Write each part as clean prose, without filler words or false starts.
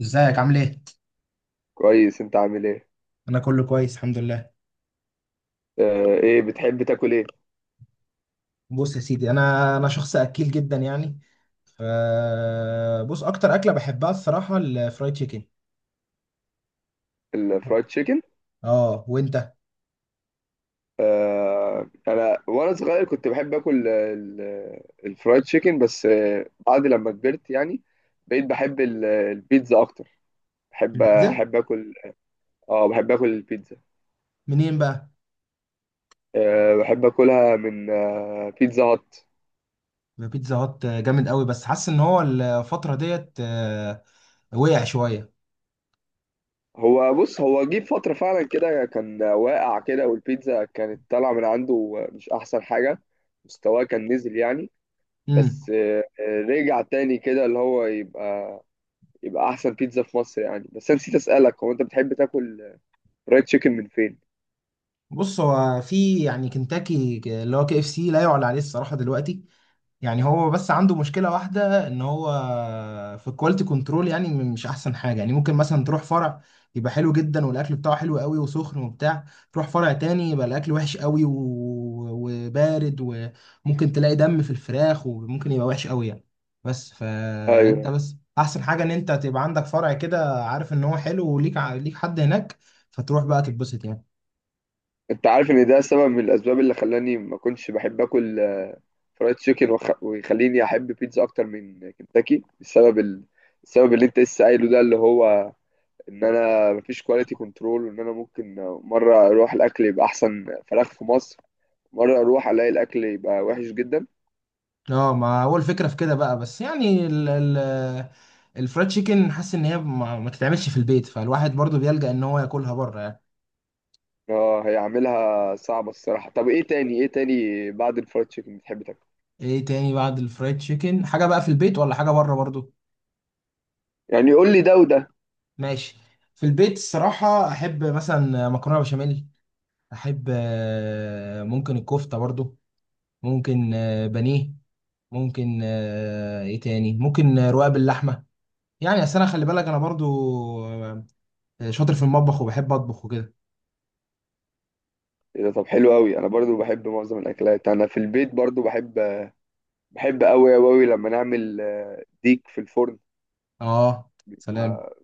ازيك عامل ايه؟ كويس. انت عامل ايه؟ انا كله كويس، الحمد لله. آه. ايه بتحب تاكل ايه؟ بص يا سيدي، انا شخص اكيل جدا يعني ف بص اكتر اكله بحبها الصراحه الفرايد تشيكن. الفرايد تشيكن؟ اه وانت؟ آه، انا وانا صغير كنت بحب اكل الفرايد تشيكن. بس بعد لما كبرت يعني بقيت بحب البيتزا اكتر. بحب البيتزا. احب اكل. اه، بحب اكل البيتزا. منين بقى؟ آه، بحب اكلها من بيتزا هات. بيتزا هات جامد قوي، بس حاسس ان هو الفتره ديت وقع شويه. بص، هو جه فترة فعلا كده، كان واقع كده، والبيتزا كانت طالعة من عنده مش احسن حاجة. مستواه كان نزل يعني. بس، امم. رجع تاني كده، اللي هو يبقى احسن بيتزا في مصر يعني. بس انا نسيت اسالك، هو انت بتحب تاكل فرايد تشيكن من فين؟ بص هو في يعني كنتاكي اللي هو KFC لا يعلى عليه الصراحه دلوقتي. يعني هو بس عنده مشكلة واحدة، ان هو في الكواليتي كنترول، يعني مش احسن حاجة. يعني ممكن مثلا تروح فرع يبقى حلو جدا والاكل بتاعه حلو قوي وسخن وبتاع، تروح فرع تاني يبقى الاكل وحش قوي، وبارد، وممكن تلاقي دم في الفراخ وممكن يبقى وحش قوي يعني. بس فانت ايوه. بس احسن حاجة ان انت تبقى عندك فرع كده عارف ان هو حلو وليك ليك حد هناك، فتروح بقى تتبسط يعني. انت عارف ان ده سبب من الاسباب اللي خلاني ما كنتش بحب اكل فرايد تشيكن ويخليني احب بيتزا اكتر من كنتاكي؟ السبب اللي انت لسه قايله ده، اللي هو ان انا مفيش كواليتي كنترول، وان انا ممكن مره اروح الاكل يبقى احسن فراخ في مصر، مره اروح الاقي الاكل يبقى وحش جدا. اه، ما هو الفكره في كده بقى، بس يعني ال الفرايد تشيكن حاسس ان هي ما تتعملش في البيت، فالواحد برضو بيلجأ ان هو ياكلها بره يعني. اه، هيعملها صعبة الصراحة. طب ايه تاني؟ ايه تاني بعد الفرايد تشيكن بتحب تاكل؟ ايه تاني بعد الفرايد تشيكن؟ حاجه بقى في البيت ولا حاجه بره برضو؟ يعني قول لي ده وده. ماشي. في البيت الصراحه احب مثلا مكرونه بشاميل، احب ممكن الكفته برضو، ممكن بانيه، ممكن ايه تاني، ممكن رقاق باللحمه. يعني اصل انا خلي بالك انا برضو آه، شاطر في المطبخ وبحب اطبخ وكده. ايه ده؟ طب حلو قوي. انا برضو بحب معظم الاكلات. انا في البيت برضو بحب قوي قوي لما نعمل ديك في الفرن. اه. سلام. آه،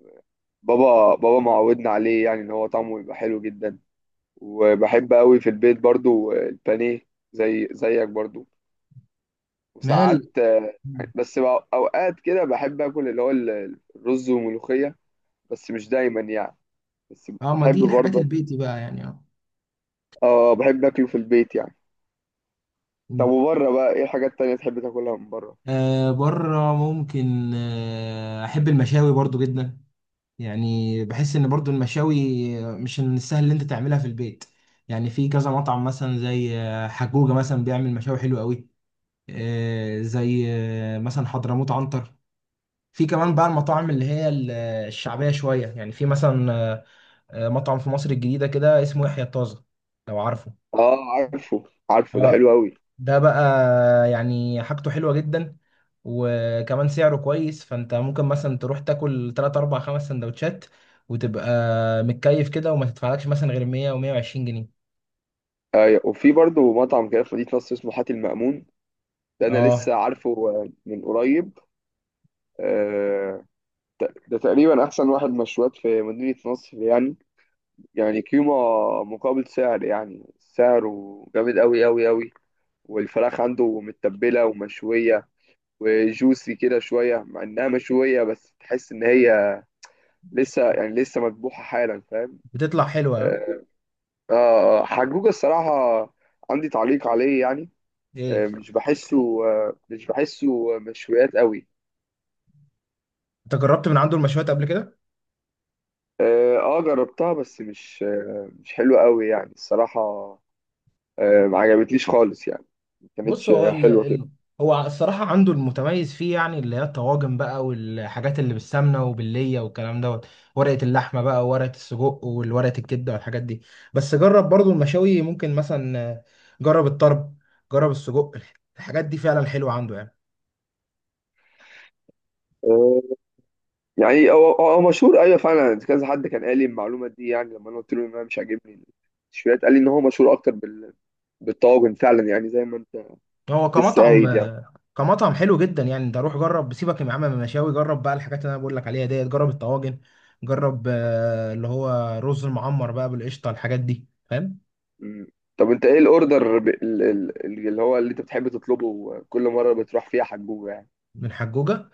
بابا معودنا عليه، يعني ان هو طعمه يبقى حلو جدا. وبحب قوي في البيت برضو البانيه. زي زيك برضو. مال. وساعات مم. بس اوقات كده بحب اكل اللي هو الرز وملوخية. بس مش دايما يعني. بس اه، ما بحب دي الحاجات برضه. البيتي بقى يعني، اه. اه، بحب اكله في البيت يعني. طب مم. وبره بقى، ايه الحاجات التانية تحب تاكلها من بره؟ بره ممكن احب المشاوي برضو جدا. يعني بحس ان برضو المشاوي مش من السهل اللي انت تعملها في البيت. يعني في كذا مطعم مثلا زي حجوجة مثلا بيعمل مشاوي حلوة قوي، زي مثلا حضرموت عنتر. في كمان بقى المطاعم اللي هي الشعبية شوية يعني، في مثلا مطعم في مصر الجديدة كده اسمه يحيى الطازة، لو عارفه. اه، عارفه. عارفه، ده اه. حلو قوي. ده بقى يعني حاجته حلوة جدا، وكمان سعره كويس، فانت ممكن مثلا تروح تاكل 3 4 5 سندوتشات وتبقى متكيف كده، وما تدفعلكش مثلا غير 100 و120 جنيه. ايوه، وفي برضه مطعم كده في مدينة نصر اسمه حاتي المأمون. ده انا اه لسه عارفه من قريب. آه، ده تقريبا احسن واحد مشويات في مدينة نصر يعني. يعني قيمة مقابل سعر، يعني سعره جامد قوي قوي قوي. والفراخ عنده متبلة ومشوية وجوسي كده شوية. مع انها مشوية بس تحس ان هي لسه، يعني لسه مذبوحة حالا. فاهم؟ بتطلع حلوة ها؟ آه. حجوجة الصراحة عندي تعليق عليه يعني. ايه؟ مش بحسه مشويات قوي. انت جربت من عنده المشويات قبل كده؟ اه، جربتها بس مش حلوة قوي يعني الصراحة. ما عجبتليش خالص يعني. ما بص كانتش هو حلوة كده. هو الصراحة عنده المتميز فيه يعني اللي هي الطواجن بقى، والحاجات اللي بالسمنة وباللية والكلام دوت، ورقة اللحمة بقى، وورقة السجق، والورقة الكبدة، والحاجات دي. بس جرب برضو المشاوي، ممكن مثلا جرب الطرب، جرب السجق، الحاجات دي فعلا حلوة عنده يعني. آه يعني هو مشهور. ايوه، فعلا كذا حد كان قال لي المعلومة دي، يعني لما انا قلت له ان انا مش عاجبني المشويات، قال لي ان هو مشهور اكتر بالطواجن، فعلا يعني، زي ما انت هو لسه كمطعم قايل يعني. كمطعم حلو جدا يعني. ده روح جرب، سيبك يا عم من المشاوي، جرب بقى الحاجات اللي انا بقول لك عليها ديت، جرب الطواجن، جرب اللي هو رز المعمر بقى بالقشطة، الحاجات دي فاهم؟ مم. طب انت ايه الاوردر ب... ال- ال- ال- اللي انت بتحب تطلبه كل مره بتروح فيها حجوجه يعني؟ من حجوجة.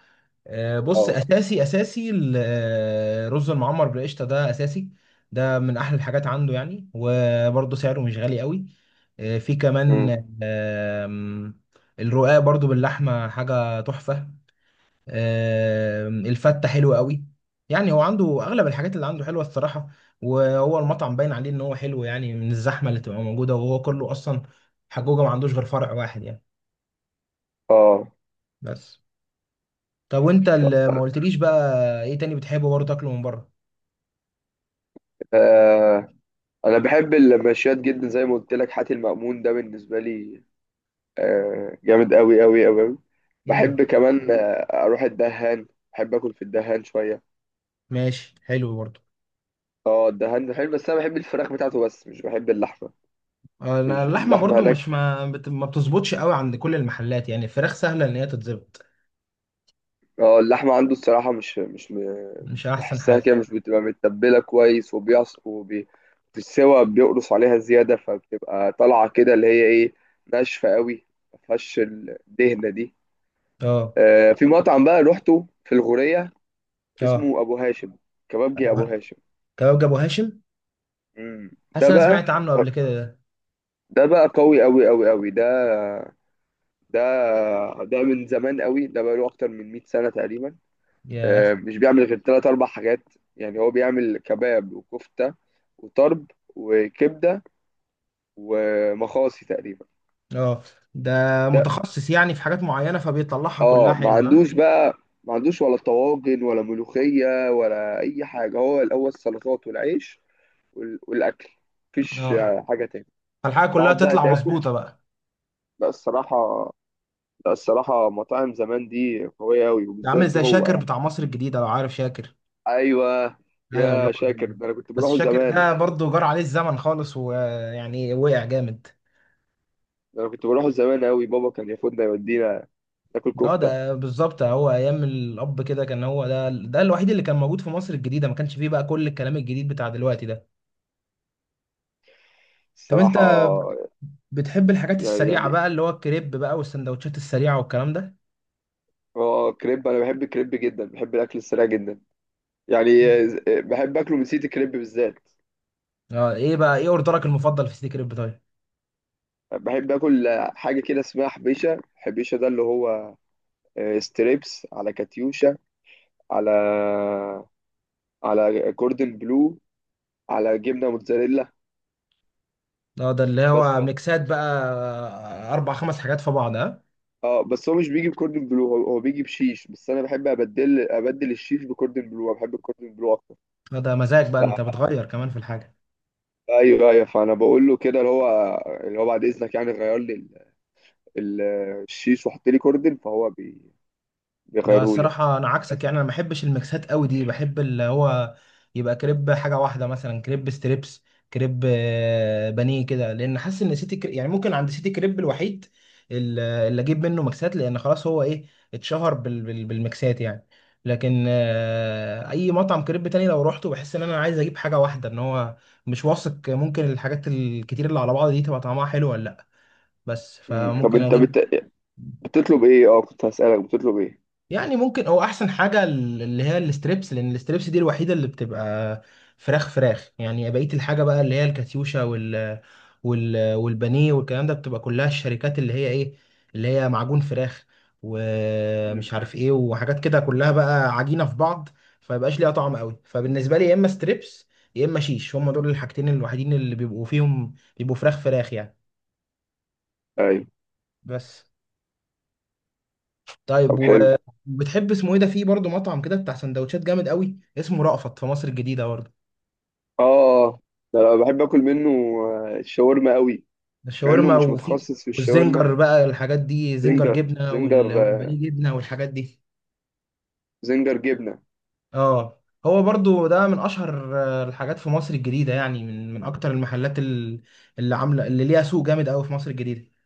بص، اه. اساسي اساسي رز المعمر بالقشطه ده اساسي. ده من احلى الحاجات عنده يعني، وبرده سعره مش غالي قوي. في كمان. مم. آم، الرقاق برده باللحمه حاجه تحفه. الفته حلوه قوي. يعني هو عنده اغلب الحاجات اللي عنده حلوه الصراحه. وهو المطعم باين عليه ان هو حلو يعني، من الزحمه اللي تبقى موجوده، وهو كله اصلا حجوجه ما عندوش غير فرع واحد يعني، اه. بس. طب وانت طب، اللي ما قلتليش بقى، ايه تاني بتحبه برضه تاكله من بره؟ آه. انا بحب المشويات جدا. زي ما قلت لك، حاتي المأمون ده بالنسبه لي جامد قوي قوي قوي قوي. امم. بحب كمان اروح الدهان. بحب اكل في الدهان شويه. ماشي، حلو برضو. اه، الدهان بحب. بس انا بحب الفراخ بتاعته، بس مش بحب اللحمه. انا مش اللحمه اللحمه برضو هناك. مش ما بتظبطش قوي عند كل المحلات، يعني الفراخ سهله ان هي تتظبط، اه، اللحمة عنده الصراحة مش مش احسن بحسها كده حاجه. مش بتبقى متبلة كويس. وبيعص في السوا بيقرص عليها زيادة، فبتبقى طالعة كده اللي هي ايه، ناشفة قوي. مفيهاش الدهنة دي. اه. في مطعم بقى روحته في الغورية اه اسمه أبو هاشم. كبابجي أبو أبو- هاشم. كباب ابو هاشم. مم. حاسس ده إن انا بقى، سمعت عنه قبل كده ده. ده بقى قوي قوي قوي قوي. ده ده ده من زمان قوي. ده بقى له أكتر من 100 سنة تقريبا. ياه. مش بيعمل غير تلات أربع حاجات. يعني هو بيعمل كباب وكفتة وطرب وكبدة ومخاصي تقريبا. اه. ده ده. متخصص يعني في حاجات معينه فبيطلعها كلها اه، ما حلوه ها. عندوش بقى. ما عندوش ولا طواجن ولا ملوخية ولا أي حاجة. هو الأول السلطات والعيش والأكل. مفيش اه، حاجة تاني. فالحاجه كلها تقعد بقى تطلع تاكل. مظبوطه بقى. لا الصراحة. لا، الصراحة مطاعم زمان دي قوية أوي، ده عامل وبالذات زي هو شاكر يعني. بتاع مصر الجديده، لو عارف شاكر. أيوه. ايوه اللي يا شاكر، هو. ده أنا كنت بس بروحه شاكر زمان. ده برضو جرى عليه الزمن خالص، ويعني وقع جامد. ده أنا كنت بروحه زمان أوي. بابا كان ياخدنا يودينا ناكل اه، كفته. ده بالظبط، هو ايام الاب كده كان هو ده الوحيد اللي كان موجود في مصر الجديده، ما كانش فيه بقى كل الكلام الجديد بتاع دلوقتي ده. طب انت الصراحه. بتحب الحاجات يعني السريعه يعني بقى اللي هو الكريب بقى والسندوتشات السريعه والكلام ده؟ اه، كريب، انا بحب الكريب جدا، بحب الاكل السريع جدا يعني. بحب اكله من سيتي الكريب بالذات. اه، ايه بقى، ايه اوردرك المفضل في سيتي كريب طيب؟ بحب اكل حاجه كده اسمها حبيشه. حبيشه ده اللي هو ستريبس على كاتيوشا، على على كوردن بلو، على جبنه موتزاريلا اه، ده اللي هو بس ميكسات بقى، اربع خمس حاجات في بعض اه. اه بس هو مش بيجي بكوردن بلو. هو بيجي بشيش، بس انا بحب ابدل الشيش بكوردن بلو. أنا بحب الكوردن بلو اكتر. ده مزاج بقى، انت بتغير كمان في الحاجه. ايوه، ايوه. فانا بقول له كده اللي هو، اللي هو بعد اذنك، يعني غير لي ال- الشيش وحط لي كوردن. فهو لا بيغيره لي يعني. الصراحة، أنا عكسك بس. يعني، أنا ما بحبش الميكسات قوي دي، بحب اللي هو يبقى كريب حاجة واحدة، مثلا كريب ستريبس، كريب بانيه كده، لأن حاسس إن سيتي كريب يعني، ممكن عند سيتي كريب الوحيد اللي أجيب منه ميكسات، لأن خلاص هو إيه، اتشهر بالميكسات يعني. لكن أي مطعم كريب تاني لو روحته بحس إن أنا عايز أجيب حاجة واحدة، إن هو مش واثق، ممكن الحاجات الكتير اللي على بعض دي تبقى طعمها حلو ولا لأ. بس ايوه. مم. طب فممكن صح انت أجيب، بتطلب ايه؟ اه، كنت هسألك بتطلب ايه. يعني ممكن هو احسن حاجه اللي هي الستريبس، لان الستريبس دي الوحيده اللي بتبقى فراخ فراخ يعني. بقيه الحاجه بقى اللي هي الكاتيوشا وال والبانيه والكلام ده، بتبقى كلها الشركات اللي هي ايه، اللي هي معجون فراخ مم. ومش عارف ايه وحاجات كده كلها بقى عجينه في بعض، فمبقاش ليها طعم قوي. فبالنسبه لي يا اما ستريبس يا اما شيش، هم دول الحاجتين الوحيدين اللي بيبقوا فيهم بيبقوا فراخ فراخ يعني. ايوه. بس. طيب طب حلو. وبتحب اسمه ايه ده، في برضه مطعم كده بتاع سندوتشات جامد قوي اسمه رأفت في مصر الجديدة برضه. اه، ده انا بحب اكل منه الشاورما قوي. ده مع انه الشاورما، مش وفي متخصص في الشاورما. والزنجر بقى الحاجات دي، زنجر زنجر جبنة زنجر. آه. والبانيه جبنة والحاجات دي. زنجر جبنة. اه، هو برضه ده من اشهر الحاجات في مصر الجديدة يعني، من اكتر المحلات اللي عاملة اللي ليها سوق جامد قوي في مصر الجديدة.